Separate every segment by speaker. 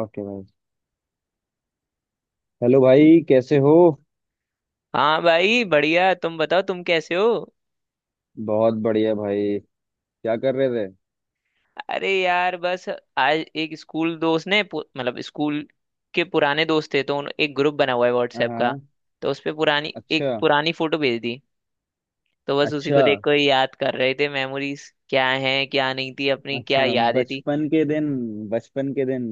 Speaker 1: Okay भाई। Hello भाई कैसे हो।
Speaker 2: हाँ भाई, बढ़िया। तुम बताओ, तुम कैसे हो?
Speaker 1: बहुत बढ़िया भाई। क्या कर रहे थे।
Speaker 2: अरे यार, बस। आज एक स्कूल दोस्त ने मतलब स्कूल के पुराने दोस्त थे, तो एक ग्रुप बना हुआ है
Speaker 1: हाँ
Speaker 2: व्हाट्सएप का।
Speaker 1: हाँ।
Speaker 2: तो उस पे पुरानी
Speaker 1: अच्छा।
Speaker 2: एक पुरानी फोटो भेज दी। तो बस उसी को
Speaker 1: अच्छा
Speaker 2: देख कर याद कर रहे थे, मेमोरीज क्या हैं, क्या नहीं थी, अपनी क्या
Speaker 1: अच्छा
Speaker 2: यादें थी।
Speaker 1: बचपन के दिन। बचपन के दिन।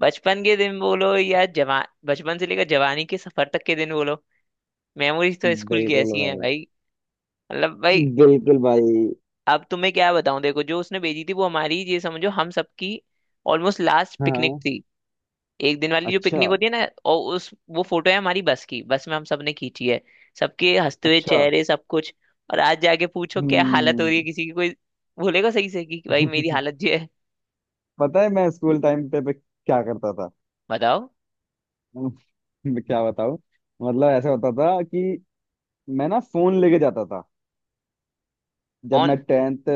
Speaker 2: बचपन के दिन बोलो या जवान बचपन से लेकर जवानी के सफर तक के दिन बोलो। मेमोरीज तो स्कूल की
Speaker 1: बिल्कुल
Speaker 2: ऐसी हैं
Speaker 1: भाई।
Speaker 2: भाई, मतलब भाई।
Speaker 1: बिल्कुल भाई।
Speaker 2: अब तुम्हें क्या बताऊं, देखो जो उसने भेजी थी, वो हमारी, ये समझो हम सबकी ऑलमोस्ट लास्ट पिकनिक
Speaker 1: हाँ।
Speaker 2: थी। एक दिन वाली जो
Speaker 1: अच्छा
Speaker 2: पिकनिक होती है ना, और उस वो फोटो है हमारी बस की, बस में हम सबने खींची है। सबके हंसते हुए
Speaker 1: अच्छा।
Speaker 2: चेहरे, सब कुछ। और आज जाके पूछो क्या हालत हो
Speaker 1: हम्म।
Speaker 2: रही है, किसी की कोई बोलेगा सही से कि भाई मेरी हालत ये है।
Speaker 1: पता है मैं स्कूल टाइम पे क्या करता था।
Speaker 2: बताओ।
Speaker 1: मैं क्या बताऊं। मतलब ऐसा होता था कि मैं ना फोन लेके जाता था। जब मैं
Speaker 2: कौन?
Speaker 1: टेंथ।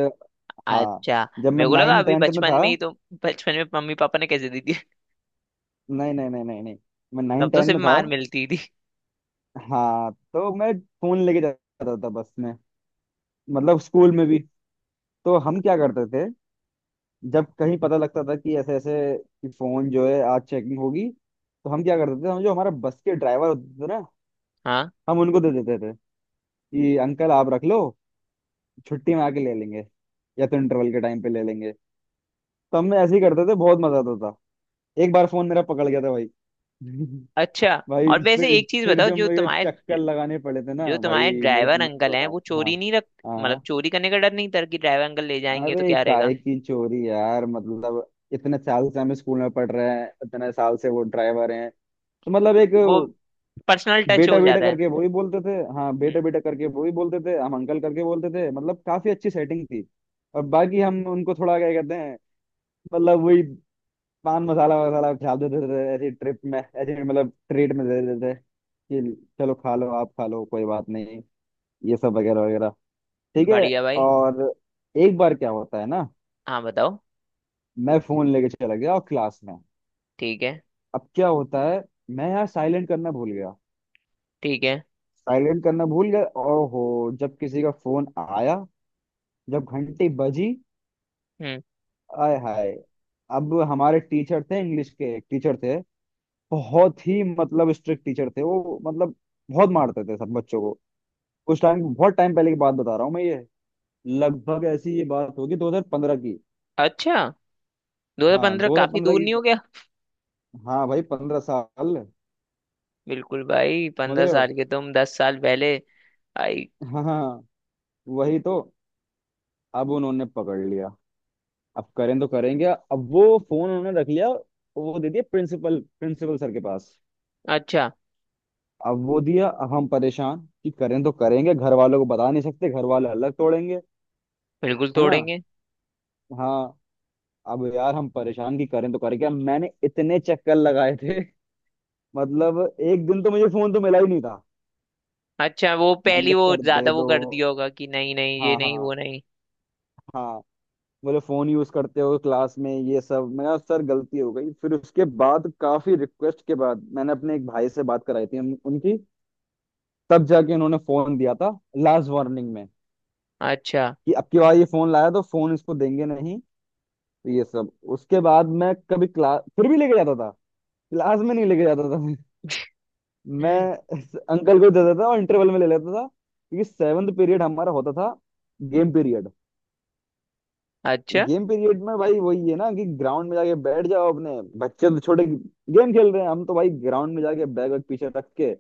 Speaker 1: हाँ।
Speaker 2: अच्छा।
Speaker 1: जब मैं
Speaker 2: मेरे को लगा
Speaker 1: नाइन
Speaker 2: अभी
Speaker 1: टेंथ में
Speaker 2: बचपन
Speaker 1: था।
Speaker 2: में ही तो, बचपन में मम्मी पापा ने कैसे दी थी
Speaker 1: नहीं नहीं नहीं नहीं नहीं। मैं
Speaker 2: तब
Speaker 1: नाइन
Speaker 2: तो
Speaker 1: टेन
Speaker 2: सिर्फ
Speaker 1: में था।
Speaker 2: मार मिलती थी।
Speaker 1: हाँ, तो मैं फोन लेके जाता था बस में। मतलब स्कूल में भी। तो हम क्या करते थे, जब कहीं पता लगता था कि ऐसे ऐसे कि फोन जो है आज चेकिंग होगी, तो हम क्या करते थे, हम जो हमारा बस के ड्राइवर होते थे ना,
Speaker 2: हाँ।
Speaker 1: हम उनको दे देते थे कि अंकल आप रख लो, छुट्टी में आके ले लेंगे या तो इंटरवल के टाइम पे ले लेंगे। तो हम ऐसे ही करते थे, बहुत मजा आता था। एक बार फोन मेरा पकड़ गया था भाई।
Speaker 2: अच्छा।
Speaker 1: भाई
Speaker 2: और वैसे
Speaker 1: फिर
Speaker 2: एक चीज
Speaker 1: फिर
Speaker 2: बताओ,
Speaker 1: जब
Speaker 2: जो
Speaker 1: मुझे
Speaker 2: तुम्हारे
Speaker 1: चक्कर लगाने पड़े थे ना
Speaker 2: जो तुम्हारे
Speaker 1: भाई, मैं
Speaker 2: ड्राइवर
Speaker 1: तुम्हें क्या
Speaker 2: अंकल हैं
Speaker 1: बताऊं।
Speaker 2: वो
Speaker 1: हाँ।
Speaker 2: चोरी नहीं रख,
Speaker 1: हाँ
Speaker 2: मतलब
Speaker 1: हाँ।
Speaker 2: चोरी करने का डर नहीं था कि ड्राइवर अंकल ले जाएंगे तो
Speaker 1: अरे
Speaker 2: क्या रहेगा?
Speaker 1: काहे की चोरी यार। मतलब इतने साल से हम स्कूल में पढ़ रहे हैं, इतने साल से वो ड्राइवर हैं, तो मतलब एक
Speaker 2: वो पर्सनल टच
Speaker 1: बेटा
Speaker 2: हो
Speaker 1: बेटा
Speaker 2: जाता है।
Speaker 1: करके वो ही बोलते थे। हाँ बेटा
Speaker 2: हम्म,
Speaker 1: बेटा करके वो ही बोलते थे, हम अंकल करके बोलते थे। मतलब काफी अच्छी सेटिंग थी। और बाकी हम उनको थोड़ा क्या कहते हैं, मतलब वही पान मसाला वसाला डाल देते थे ऐसी ट्रिप में, ऐसे मतलब ट्रीट में दे देते थे कि चलो खा लो, आप खा लो कोई बात नहीं। ये सब वगैरह वगैरह। ठीक है।
Speaker 2: बढ़िया भाई।
Speaker 1: और एक बार क्या होता है ना,
Speaker 2: हाँ बताओ।
Speaker 1: मैं फोन लेके चला गया और क्लास में,
Speaker 2: ठीक है।
Speaker 1: अब क्या होता है, मैं यार साइलेंट करना भूल गया।
Speaker 2: ठीक है।
Speaker 1: साइलेंट करना भूल गया और हो, जब किसी का फोन आया, जब घंटी बजी,
Speaker 2: हम्म।
Speaker 1: आय हाय। अब हमारे टीचर थे, इंग्लिश के टीचर थे, बहुत ही मतलब स्ट्रिक्ट टीचर थे वो, मतलब बहुत मारते थे सब बच्चों को। उस टाइम, बहुत टाइम पहले की बात बता रहा हूँ मैं ये, लगभग ऐसी ये बात होगी 2015 की।
Speaker 2: अच्छा। दो हजार
Speaker 1: हाँ
Speaker 2: पंद्रह काफी
Speaker 1: 2015
Speaker 2: दूर
Speaker 1: की।
Speaker 2: नहीं हो गया?
Speaker 1: हाँ भाई पंद्रह साल।
Speaker 2: बिल्कुल भाई,
Speaker 1: समझ
Speaker 2: पंद्रह
Speaker 1: रहे हो।
Speaker 2: साल के तुम, 10 साल पहले आई।
Speaker 1: हाँ हाँ। वही तो। अब उन्होंने पकड़ लिया। अब करें तो करेंगे, अब वो फोन उन्होंने रख लिया, वो दे दिया प्रिंसिपल, प्रिंसिपल सर के पास।
Speaker 2: अच्छा।
Speaker 1: अब वो दिया, अब हम परेशान कि करें तो करेंगे, घर वालों को बता नहीं सकते, घर वाले अलग तोड़ेंगे।
Speaker 2: बिल्कुल
Speaker 1: है ना।
Speaker 2: तोड़ेंगे।
Speaker 1: हाँ। अब यार हम परेशान कि करें तो करें क्या, मैंने इतने चक्कर लगाए थे। मतलब एक दिन तो मुझे फोन तो मिला ही नहीं था।
Speaker 2: अच्छा वो
Speaker 1: मैंने
Speaker 2: पहली
Speaker 1: कहा
Speaker 2: वो
Speaker 1: सर दे
Speaker 2: ज्यादा वो
Speaker 1: दो।
Speaker 2: कर दिया होगा कि नहीं नहीं ये
Speaker 1: हाँ
Speaker 2: नहीं
Speaker 1: हाँ।
Speaker 2: वो नहीं।
Speaker 1: हाँ। बोले फोन यूज करते हो क्लास में ये सब। मैं कहा सर गलती हो गई। फिर उसके बाद काफी रिक्वेस्ट के बाद मैंने अपने एक भाई से बात कराई थी उनकी। तब जाके उन्होंने फोन दिया था लास्ट वार्निंग में
Speaker 2: अच्छा
Speaker 1: कि अब की बार ये फोन लाया तो फोन इसको देंगे नहीं। तो ये सब, उसके बाद मैं कभी क्लास फिर भी लेके जाता था, क्लास में नहीं लेके जाता था मैं। मैं अंकल को देता था और इंटरवल में ले लेता था, क्योंकि सेवन्थ पीरियड हमारा होता था, गेम पीरियड।
Speaker 2: अच्छा।
Speaker 1: गेम पीरियड में भाई वही है ना कि ग्राउंड में जाके बैठ जाओ अपने। बच्चे तो छोटे गेम खेल रहे हैं, हम तो भाई ग्राउंड में जाके बैग वैग पीछे रख के,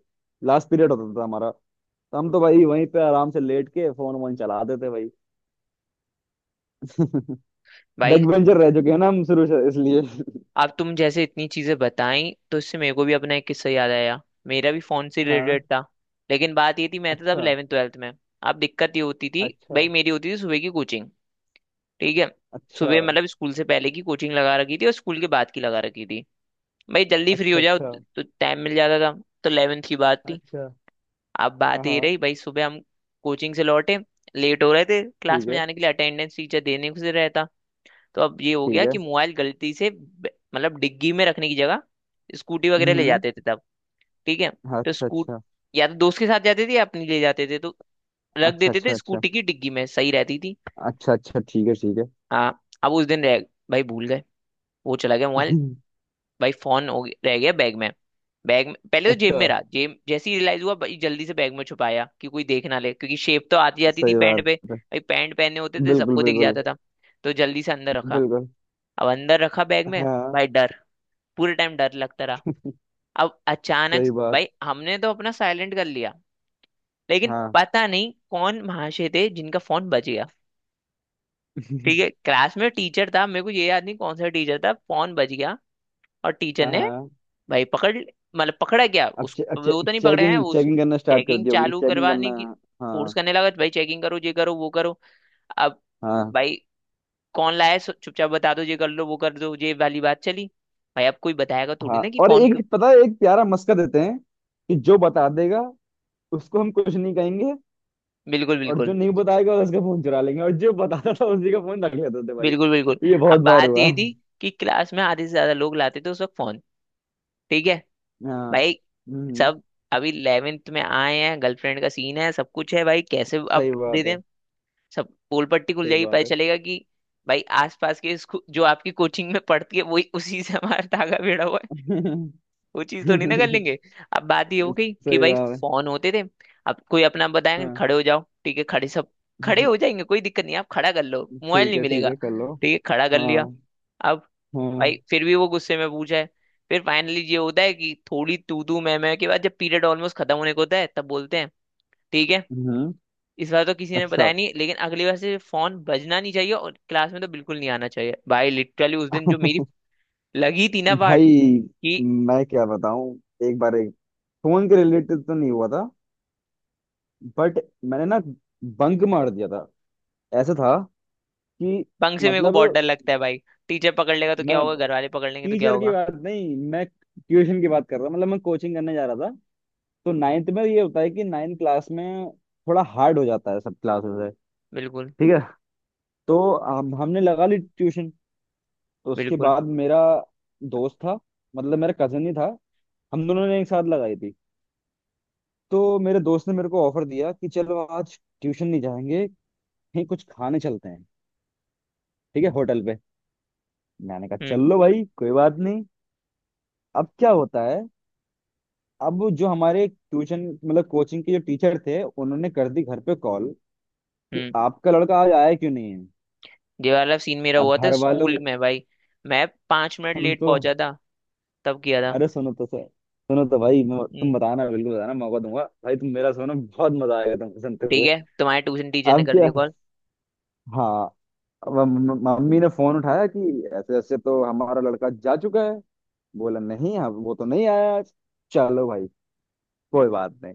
Speaker 1: लास्ट पीरियड होता था हमारा, तो हम तो भाई वहीं पे आराम से लेट के फोन वोन चला देते भाई। बैक
Speaker 2: भाई
Speaker 1: बेंचर रह चुके हैं ना हम शुरू से इसलिए।
Speaker 2: अब तुम जैसे इतनी चीजें बताई, तो इससे मेरे को भी अपना एक किस्सा याद आया। मेरा भी फोन से
Speaker 1: हाँ।
Speaker 2: रिलेटेड था, लेकिन बात ये थी, मैं था तब
Speaker 1: अच्छा
Speaker 2: 11th ट्वेल्थ में। अब दिक्कत ये होती थी
Speaker 1: अच्छा।
Speaker 2: भाई, मेरी होती थी सुबह की कोचिंग। ठीक है,
Speaker 1: अच्छा
Speaker 2: सुबह मतलब स्कूल से पहले की कोचिंग लगा रखी थी और स्कूल के बाद की लगा रखी थी भाई। जल्दी फ्री
Speaker 1: अच्छा
Speaker 2: हो जाओ
Speaker 1: अच्छा
Speaker 2: तो टाइम मिल जाता था। तो 11th की बात थी।
Speaker 1: अच्छा।
Speaker 2: अब
Speaker 1: हाँ
Speaker 2: बात ये
Speaker 1: हाँ।
Speaker 2: रही भाई, सुबह हम कोचिंग से लौटे, लेट हो रहे थे क्लास
Speaker 1: ठीक
Speaker 2: में
Speaker 1: है
Speaker 2: जाने के लिए, अटेंडेंस टीचर देने से रहता। तो अब ये हो
Speaker 1: ठीक
Speaker 2: गया
Speaker 1: है।
Speaker 2: कि मोबाइल गलती से मतलब डिग्गी में रखने की जगह, स्कूटी वगैरह ले
Speaker 1: हम्म।
Speaker 2: जाते थे तब। ठीक है।
Speaker 1: हाँ,
Speaker 2: तो
Speaker 1: अच्छा
Speaker 2: स्कूट
Speaker 1: अच्छा।
Speaker 2: या तो दोस्त के साथ जाते थे या अपनी ले जाते थे, तो रख
Speaker 1: अच्छा
Speaker 2: देते
Speaker 1: अच्छा
Speaker 2: थे
Speaker 1: अच्छा
Speaker 2: स्कूटी की डिग्गी में, सही रहती थी।
Speaker 1: अच्छा अच्छा। ठीक है ठीक है।
Speaker 2: हाँ। अब उस दिन रह भाई भूल गए, वो चला गया मोबाइल। भाई फोन रह गया बैग में। बैग में, पहले तो जेब में
Speaker 1: अच्छा।
Speaker 2: रहा, जेब जैसे ही रियलाइज हुआ भाई, जल्दी से बैग में छुपाया कि कोई देख ना ले, क्योंकि शेप तो आती जाती थी
Speaker 1: सही
Speaker 2: पैंट
Speaker 1: बात
Speaker 2: पे,
Speaker 1: है।
Speaker 2: भाई पैंट पहने होते थे,
Speaker 1: बिल्कुल
Speaker 2: सबको दिख
Speaker 1: बिल्कुल।
Speaker 2: जाता था। तो जल्दी से अंदर रखा।
Speaker 1: बिल्कुल।
Speaker 2: अब अंदर रखा बैग में
Speaker 1: हाँ।
Speaker 2: भाई। डर पूरे टाइम डर लगता रहा। अब अचानक
Speaker 1: सही बात।
Speaker 2: भाई, हमने तो अपना साइलेंट कर लिया, लेकिन
Speaker 1: हाँ।
Speaker 2: पता नहीं कौन महाशय थे जिनका फोन बज गया। ठीक है, क्लास में टीचर था, मेरे को ये याद नहीं कौन सा टीचर था, फोन बज गया। और टीचर
Speaker 1: हाँ
Speaker 2: ने
Speaker 1: हाँ।
Speaker 2: भाई पकड़ मतलब पकड़ा गया।
Speaker 1: अब
Speaker 2: उस
Speaker 1: चे, अब चे,
Speaker 2: वो तो नहीं पकड़े हैं
Speaker 1: चेकिंग
Speaker 2: वो,
Speaker 1: चेकिंग करना स्टार्ट कर
Speaker 2: चेकिंग
Speaker 1: दी होगी।
Speaker 2: चालू
Speaker 1: चेकिंग करना।
Speaker 2: करवाने की फोर्स
Speaker 1: हाँ।
Speaker 2: करने लगा भाई। चेकिंग करो, ये करो, वो करो। अब
Speaker 1: हाँ।
Speaker 2: भाई कौन लाया है, चुपचाप बता दो, ये कर लो, वो कर दो, ये वाली बात चली। भाई अब कोई बताएगा थोड़ी
Speaker 1: हाँ
Speaker 2: ना कि
Speaker 1: और
Speaker 2: फोन।
Speaker 1: एक पता है, एक प्यारा मस्का देते हैं कि जो बता देगा उसको हम कुछ नहीं कहेंगे,
Speaker 2: बिल्कुल।
Speaker 1: और जो
Speaker 2: बिल्कुल।
Speaker 1: नहीं बताएगा उसका फोन चुरा लेंगे। और जो बताता था उसी का फोन रख लेते थे भाई।
Speaker 2: बिल्कुल। बिल्कुल।
Speaker 1: ये बहुत
Speaker 2: अब
Speaker 1: बार
Speaker 2: बात
Speaker 1: हुआ
Speaker 2: ये
Speaker 1: है।
Speaker 2: थी कि क्लास में आधे से ज्यादा लोग लाते थे उस वक्त फोन। ठीक है
Speaker 1: हाँ।
Speaker 2: भाई।
Speaker 1: हम्म।
Speaker 2: सब अभी 11th में आए हैं, गर्लफ्रेंड का सीन है, सब कुछ है भाई, कैसे अब
Speaker 1: सही
Speaker 2: दे
Speaker 1: बात
Speaker 2: दें?
Speaker 1: है।
Speaker 2: सब पोल पट्टी खुल
Speaker 1: सही
Speaker 2: जाएगी, पता
Speaker 1: बात है।
Speaker 2: चलेगा कि भाई आसपास के जो आपकी कोचिंग में पढ़ती है, वही, उसी से हमारा धागा भिड़ा हुआ है। वो चीज तो नहीं ना कर लेंगे। अब बात ये हो गई कि
Speaker 1: सही
Speaker 2: भाई
Speaker 1: बात है।
Speaker 2: फोन होते थे। अब कोई अपना बताएंगे
Speaker 1: हाँ।
Speaker 2: खड़े हो जाओ, ठीक है खड़े सब, खड़े हो जाएंगे कोई दिक्कत नहीं, आप खड़ा कर लो, मोबाइल
Speaker 1: ठीक
Speaker 2: नहीं
Speaker 1: है ठीक
Speaker 2: मिलेगा,
Speaker 1: है, कर लो।
Speaker 2: ठीक है खड़ा कर लिया।
Speaker 1: हाँ।
Speaker 2: अब
Speaker 1: हम्म।
Speaker 2: भाई फिर भी वो गुस्से में पूछा है। फिर फाइनली ये होता है कि थोड़ी तू तू मैं के बाद, जब पीरियड ऑलमोस्ट खत्म होने को होता है, तब बोलते हैं ठीक है,
Speaker 1: हम्म।
Speaker 2: इस बार तो किसी ने
Speaker 1: अच्छा।
Speaker 2: बताया नहीं, लेकिन अगली बार से फोन बजना नहीं चाहिए और क्लास में तो बिल्कुल नहीं आना चाहिए। भाई लिटरली उस दिन जो मेरी लगी थी ना बाट,
Speaker 1: भाई
Speaker 2: कि
Speaker 1: मैं क्या बताऊं। एक बार एक फोन के रिलेटेड तो नहीं हुआ था, बट मैंने ना बंक मार दिया था। ऐसा था कि,
Speaker 2: पंख से मेरे को
Speaker 1: मतलब,
Speaker 2: बहुत डर लगता है भाई, टीचर पकड़ लेगा तो क्या
Speaker 1: मैं
Speaker 2: होगा, घर वाले पकड़ लेंगे तो क्या
Speaker 1: टीचर की
Speaker 2: होगा।
Speaker 1: बात नहीं, मैं ट्यूशन की बात कर रहा हूं, मतलब मैं कोचिंग करने जा रहा था। तो नाइन्थ में ये होता है कि नाइन्थ क्लास में थोड़ा हार्ड हो जाता है, सब क्लासेस है।
Speaker 2: बिल्कुल
Speaker 1: ठीक है। तो हम हमने लगा ली ट्यूशन। तो उसके
Speaker 2: बिल्कुल।
Speaker 1: बाद मेरा दोस्त था, मतलब मेरा कजन ही था, हम दोनों ने एक साथ लगाई थी। तो मेरे दोस्त ने मेरे को ऑफर दिया कि चलो आज ट्यूशन नहीं जाएंगे, कहीं कुछ खाने चलते हैं, ठीक है, होटल पे। मैंने कहा
Speaker 2: हम्म
Speaker 1: चल लो भाई कोई बात नहीं। अब क्या होता है, अब जो हमारे ट्यूशन मतलब कोचिंग के जो टीचर थे उन्होंने कर दी घर पे कॉल कि
Speaker 2: हम्म।
Speaker 1: आपका लड़का आज आया क्यों नहीं है।
Speaker 2: ये वाला सीन मेरा
Speaker 1: अब
Speaker 2: हुआ था
Speaker 1: घर वालों,
Speaker 2: स्कूल में भाई। मैं 5 मिनट
Speaker 1: सुनो
Speaker 2: लेट
Speaker 1: तो,
Speaker 2: पहुंचा था, तब किया था।
Speaker 1: अरे सुनो तो सर, सुनो तो भाई, मैं- तुम
Speaker 2: हम्म।
Speaker 1: बताना बिल्कुल बताना, मौका दूंगा भाई, तुम मेरा सुनो, बहुत मजा आएगा तुम सुनते
Speaker 2: ठीक
Speaker 1: हुए।
Speaker 2: है, तुम्हारे ट्यूशन टीचर ने
Speaker 1: अब
Speaker 2: कर
Speaker 1: क्या,
Speaker 2: दिया कॉल।
Speaker 1: हाँ, अब मम्मी ने फोन उठाया कि ऐसे ऐसे तो हमारा लड़का जा चुका है। बोला नहीं, हाँ वो तो नहीं आया आज। चलो भाई कोई बात नहीं।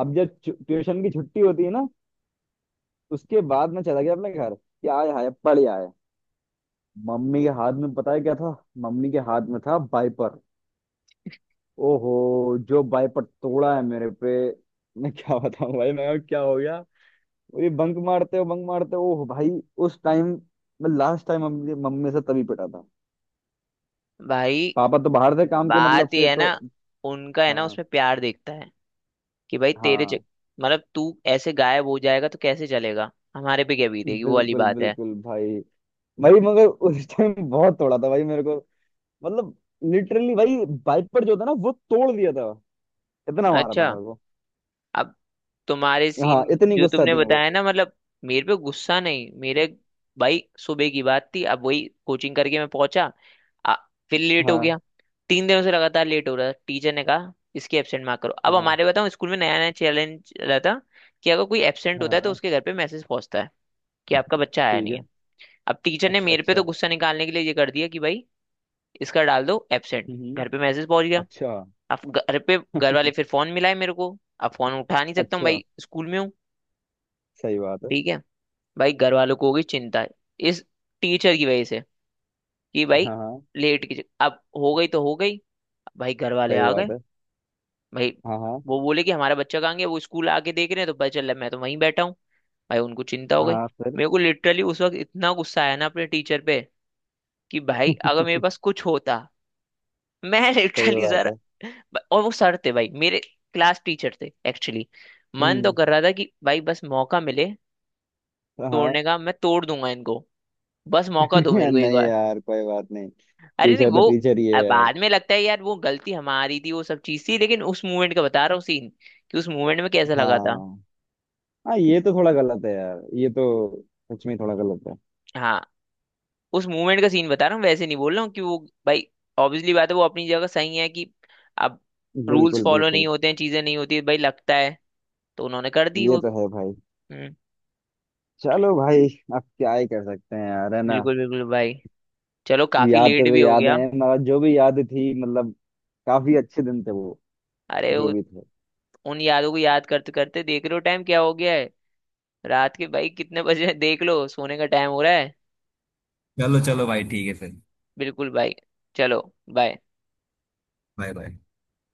Speaker 1: अब जब ट्यूशन की छुट्टी होती है ना, उसके बाद मैं चला गया अपने घर कि आए हाय पढ़ आए। मम्मी के हाथ में पता है क्या था। मम्मी के हाथ में था वाइपर। ओहो जो वाइपर तोड़ा है मेरे पे, मैं क्या बताऊं भाई, मैं क्या हो गया। वो ये बंक मारते हो बंक मारते हो, ओह भाई। उस टाइम, मैं लास्ट टाइम मम्मी मम्मी से तभी पिटा था।
Speaker 2: भाई
Speaker 1: पापा तो बाहर थे काम के मतलब
Speaker 2: बात
Speaker 1: से,
Speaker 2: ये है ना,
Speaker 1: तो
Speaker 2: उनका है ना
Speaker 1: हाँ
Speaker 2: उसमें प्यार देखता है कि भाई तेरे चक
Speaker 1: हाँ।
Speaker 2: मतलब तू ऐसे गायब हो जाएगा तो कैसे चलेगा, हमारे पे क्या बीतेगी, वो वाली
Speaker 1: बिल्कुल
Speaker 2: बात है।
Speaker 1: बिल्कुल भाई। भाई मगर उस टाइम बहुत तोड़ा था भाई मेरे को, मतलब लिटरली भाई, वाइपर जो था ना वो तोड़ दिया था, इतना मारा
Speaker 2: अच्छा।
Speaker 1: था मेरे को।
Speaker 2: अब तुम्हारे सीन
Speaker 1: हाँ इतनी
Speaker 2: जो
Speaker 1: गुस्सा
Speaker 2: तुमने
Speaker 1: थी मेरे को।
Speaker 2: बताया ना, मतलब मेरे पे गुस्सा नहीं, मेरे भाई सुबह की बात थी। अब वही कोचिंग करके मैं पहुंचा, आ, फिर लेट हो गया।
Speaker 1: हाँ
Speaker 2: 3 दिनों से लगातार लेट हो रहा था, टीचर ने कहा इसके एब्सेंट मार्क करो। अब
Speaker 1: हाँ।
Speaker 2: हमारे बताओ स्कूल में नया नया चैलेंज रहा था कि अगर कोई एब्सेंट होता है तो
Speaker 1: हाँ।
Speaker 2: उसके घर पे मैसेज पहुंचता है कि आपका बच्चा आया
Speaker 1: ठीक
Speaker 2: नहीं है।
Speaker 1: है।
Speaker 2: अब टीचर ने
Speaker 1: अच्छा
Speaker 2: मेरे पे तो
Speaker 1: अच्छा।
Speaker 2: गुस्सा निकालने के लिए ये कर दिया कि भाई इसका डाल दो एब्सेंट।
Speaker 1: हम्म। हम्म।
Speaker 2: घर पे मैसेज पहुंच गया।
Speaker 1: अच्छा
Speaker 2: अब घर पे घर वाले फिर फोन मिलाए मेरे को। अब फोन उठा नहीं सकता हूँ
Speaker 1: अच्छा।
Speaker 2: भाई, स्कूल में हूँ।
Speaker 1: सही बात है।
Speaker 2: ठीक है। भाई घर वालों को होगी चिंता, इस टीचर की वजह से कि भाई
Speaker 1: हाँ हाँ।
Speaker 2: लेट की अब हो गई तो हो गई। भाई घर वाले
Speaker 1: सही
Speaker 2: आ
Speaker 1: बात
Speaker 2: गए।
Speaker 1: है।
Speaker 2: भाई
Speaker 1: हाँ हाँ।
Speaker 2: वो बोले कि हमारा बच्चा कहाँ गया, वो स्कूल आके देख रहे हैं तो पता चला मैं तो वहीं बैठा हूँ। भाई उनको चिंता हो
Speaker 1: हाँ।
Speaker 2: गई।
Speaker 1: हाँ, फिर।
Speaker 2: मेरे को लिटरली उस वक्त इतना गुस्सा आया ना अपने टीचर पे कि भाई अगर मेरे पास कुछ होता मैं
Speaker 1: सही
Speaker 2: लिटरली
Speaker 1: बात
Speaker 2: सर।
Speaker 1: है।
Speaker 2: और वो सर थे भाई मेरे, क्लास टीचर थे एक्चुअली। मन तो
Speaker 1: हम्म।
Speaker 2: कर रहा था कि भाई बस मौका मिले
Speaker 1: हाँ।
Speaker 2: तोड़ने का, मैं तोड़ दूंगा इनको, बस मौका दो मेरे को एक
Speaker 1: नहीं
Speaker 2: बार।
Speaker 1: यार कोई बात नहीं।
Speaker 2: अरे नहीं
Speaker 1: टीचर
Speaker 2: वो,
Speaker 1: तो टीचर ही है यार।
Speaker 2: बाद में लगता है यार वो गलती हमारी थी, वो सब चीज थी, लेकिन उस मूवमेंट का बता रहा हूँ सीन, कि उस मूवमेंट में कैसा लगा था।
Speaker 1: हाँ। हाँ ये तो थोड़ा गलत है यार, ये तो सच में थोड़ा गलत है।
Speaker 2: हाँ उस मूवमेंट का सीन बता रहा हूँ, वैसे नहीं बोल रहा हूँ कि वो, भाई ऑब्वियसली बात है वो अपनी जगह सही है कि अब रूल्स
Speaker 1: बिल्कुल
Speaker 2: फॉलो नहीं
Speaker 1: बिल्कुल।
Speaker 2: होते हैं, चीजें नहीं होती भाई, लगता है। तो उन्होंने कर दी
Speaker 1: ये
Speaker 2: वो।
Speaker 1: तो है भाई।
Speaker 2: हम्म,
Speaker 1: चलो भाई, अब क्या ही कर सकते हैं यार, है ना।
Speaker 2: बिल्कुल बिल्कुल भाई। चलो काफी
Speaker 1: यादें
Speaker 2: लेट
Speaker 1: तो
Speaker 2: भी हो
Speaker 1: यादें
Speaker 2: गया।
Speaker 1: हैं, मगर जो भी यादें थी मतलब काफी अच्छे दिन थे वो,
Speaker 2: अरे
Speaker 1: जो भी थे।
Speaker 2: उन यादों को याद करते करते देख लो टाइम क्या हो गया है, रात के भाई कितने बजे हैं, देख लो सोने का टाइम हो रहा है।
Speaker 1: चलो चलो भाई, ठीक है फिर।
Speaker 2: बिल्कुल भाई। चलो। बाय।
Speaker 1: Bye bye.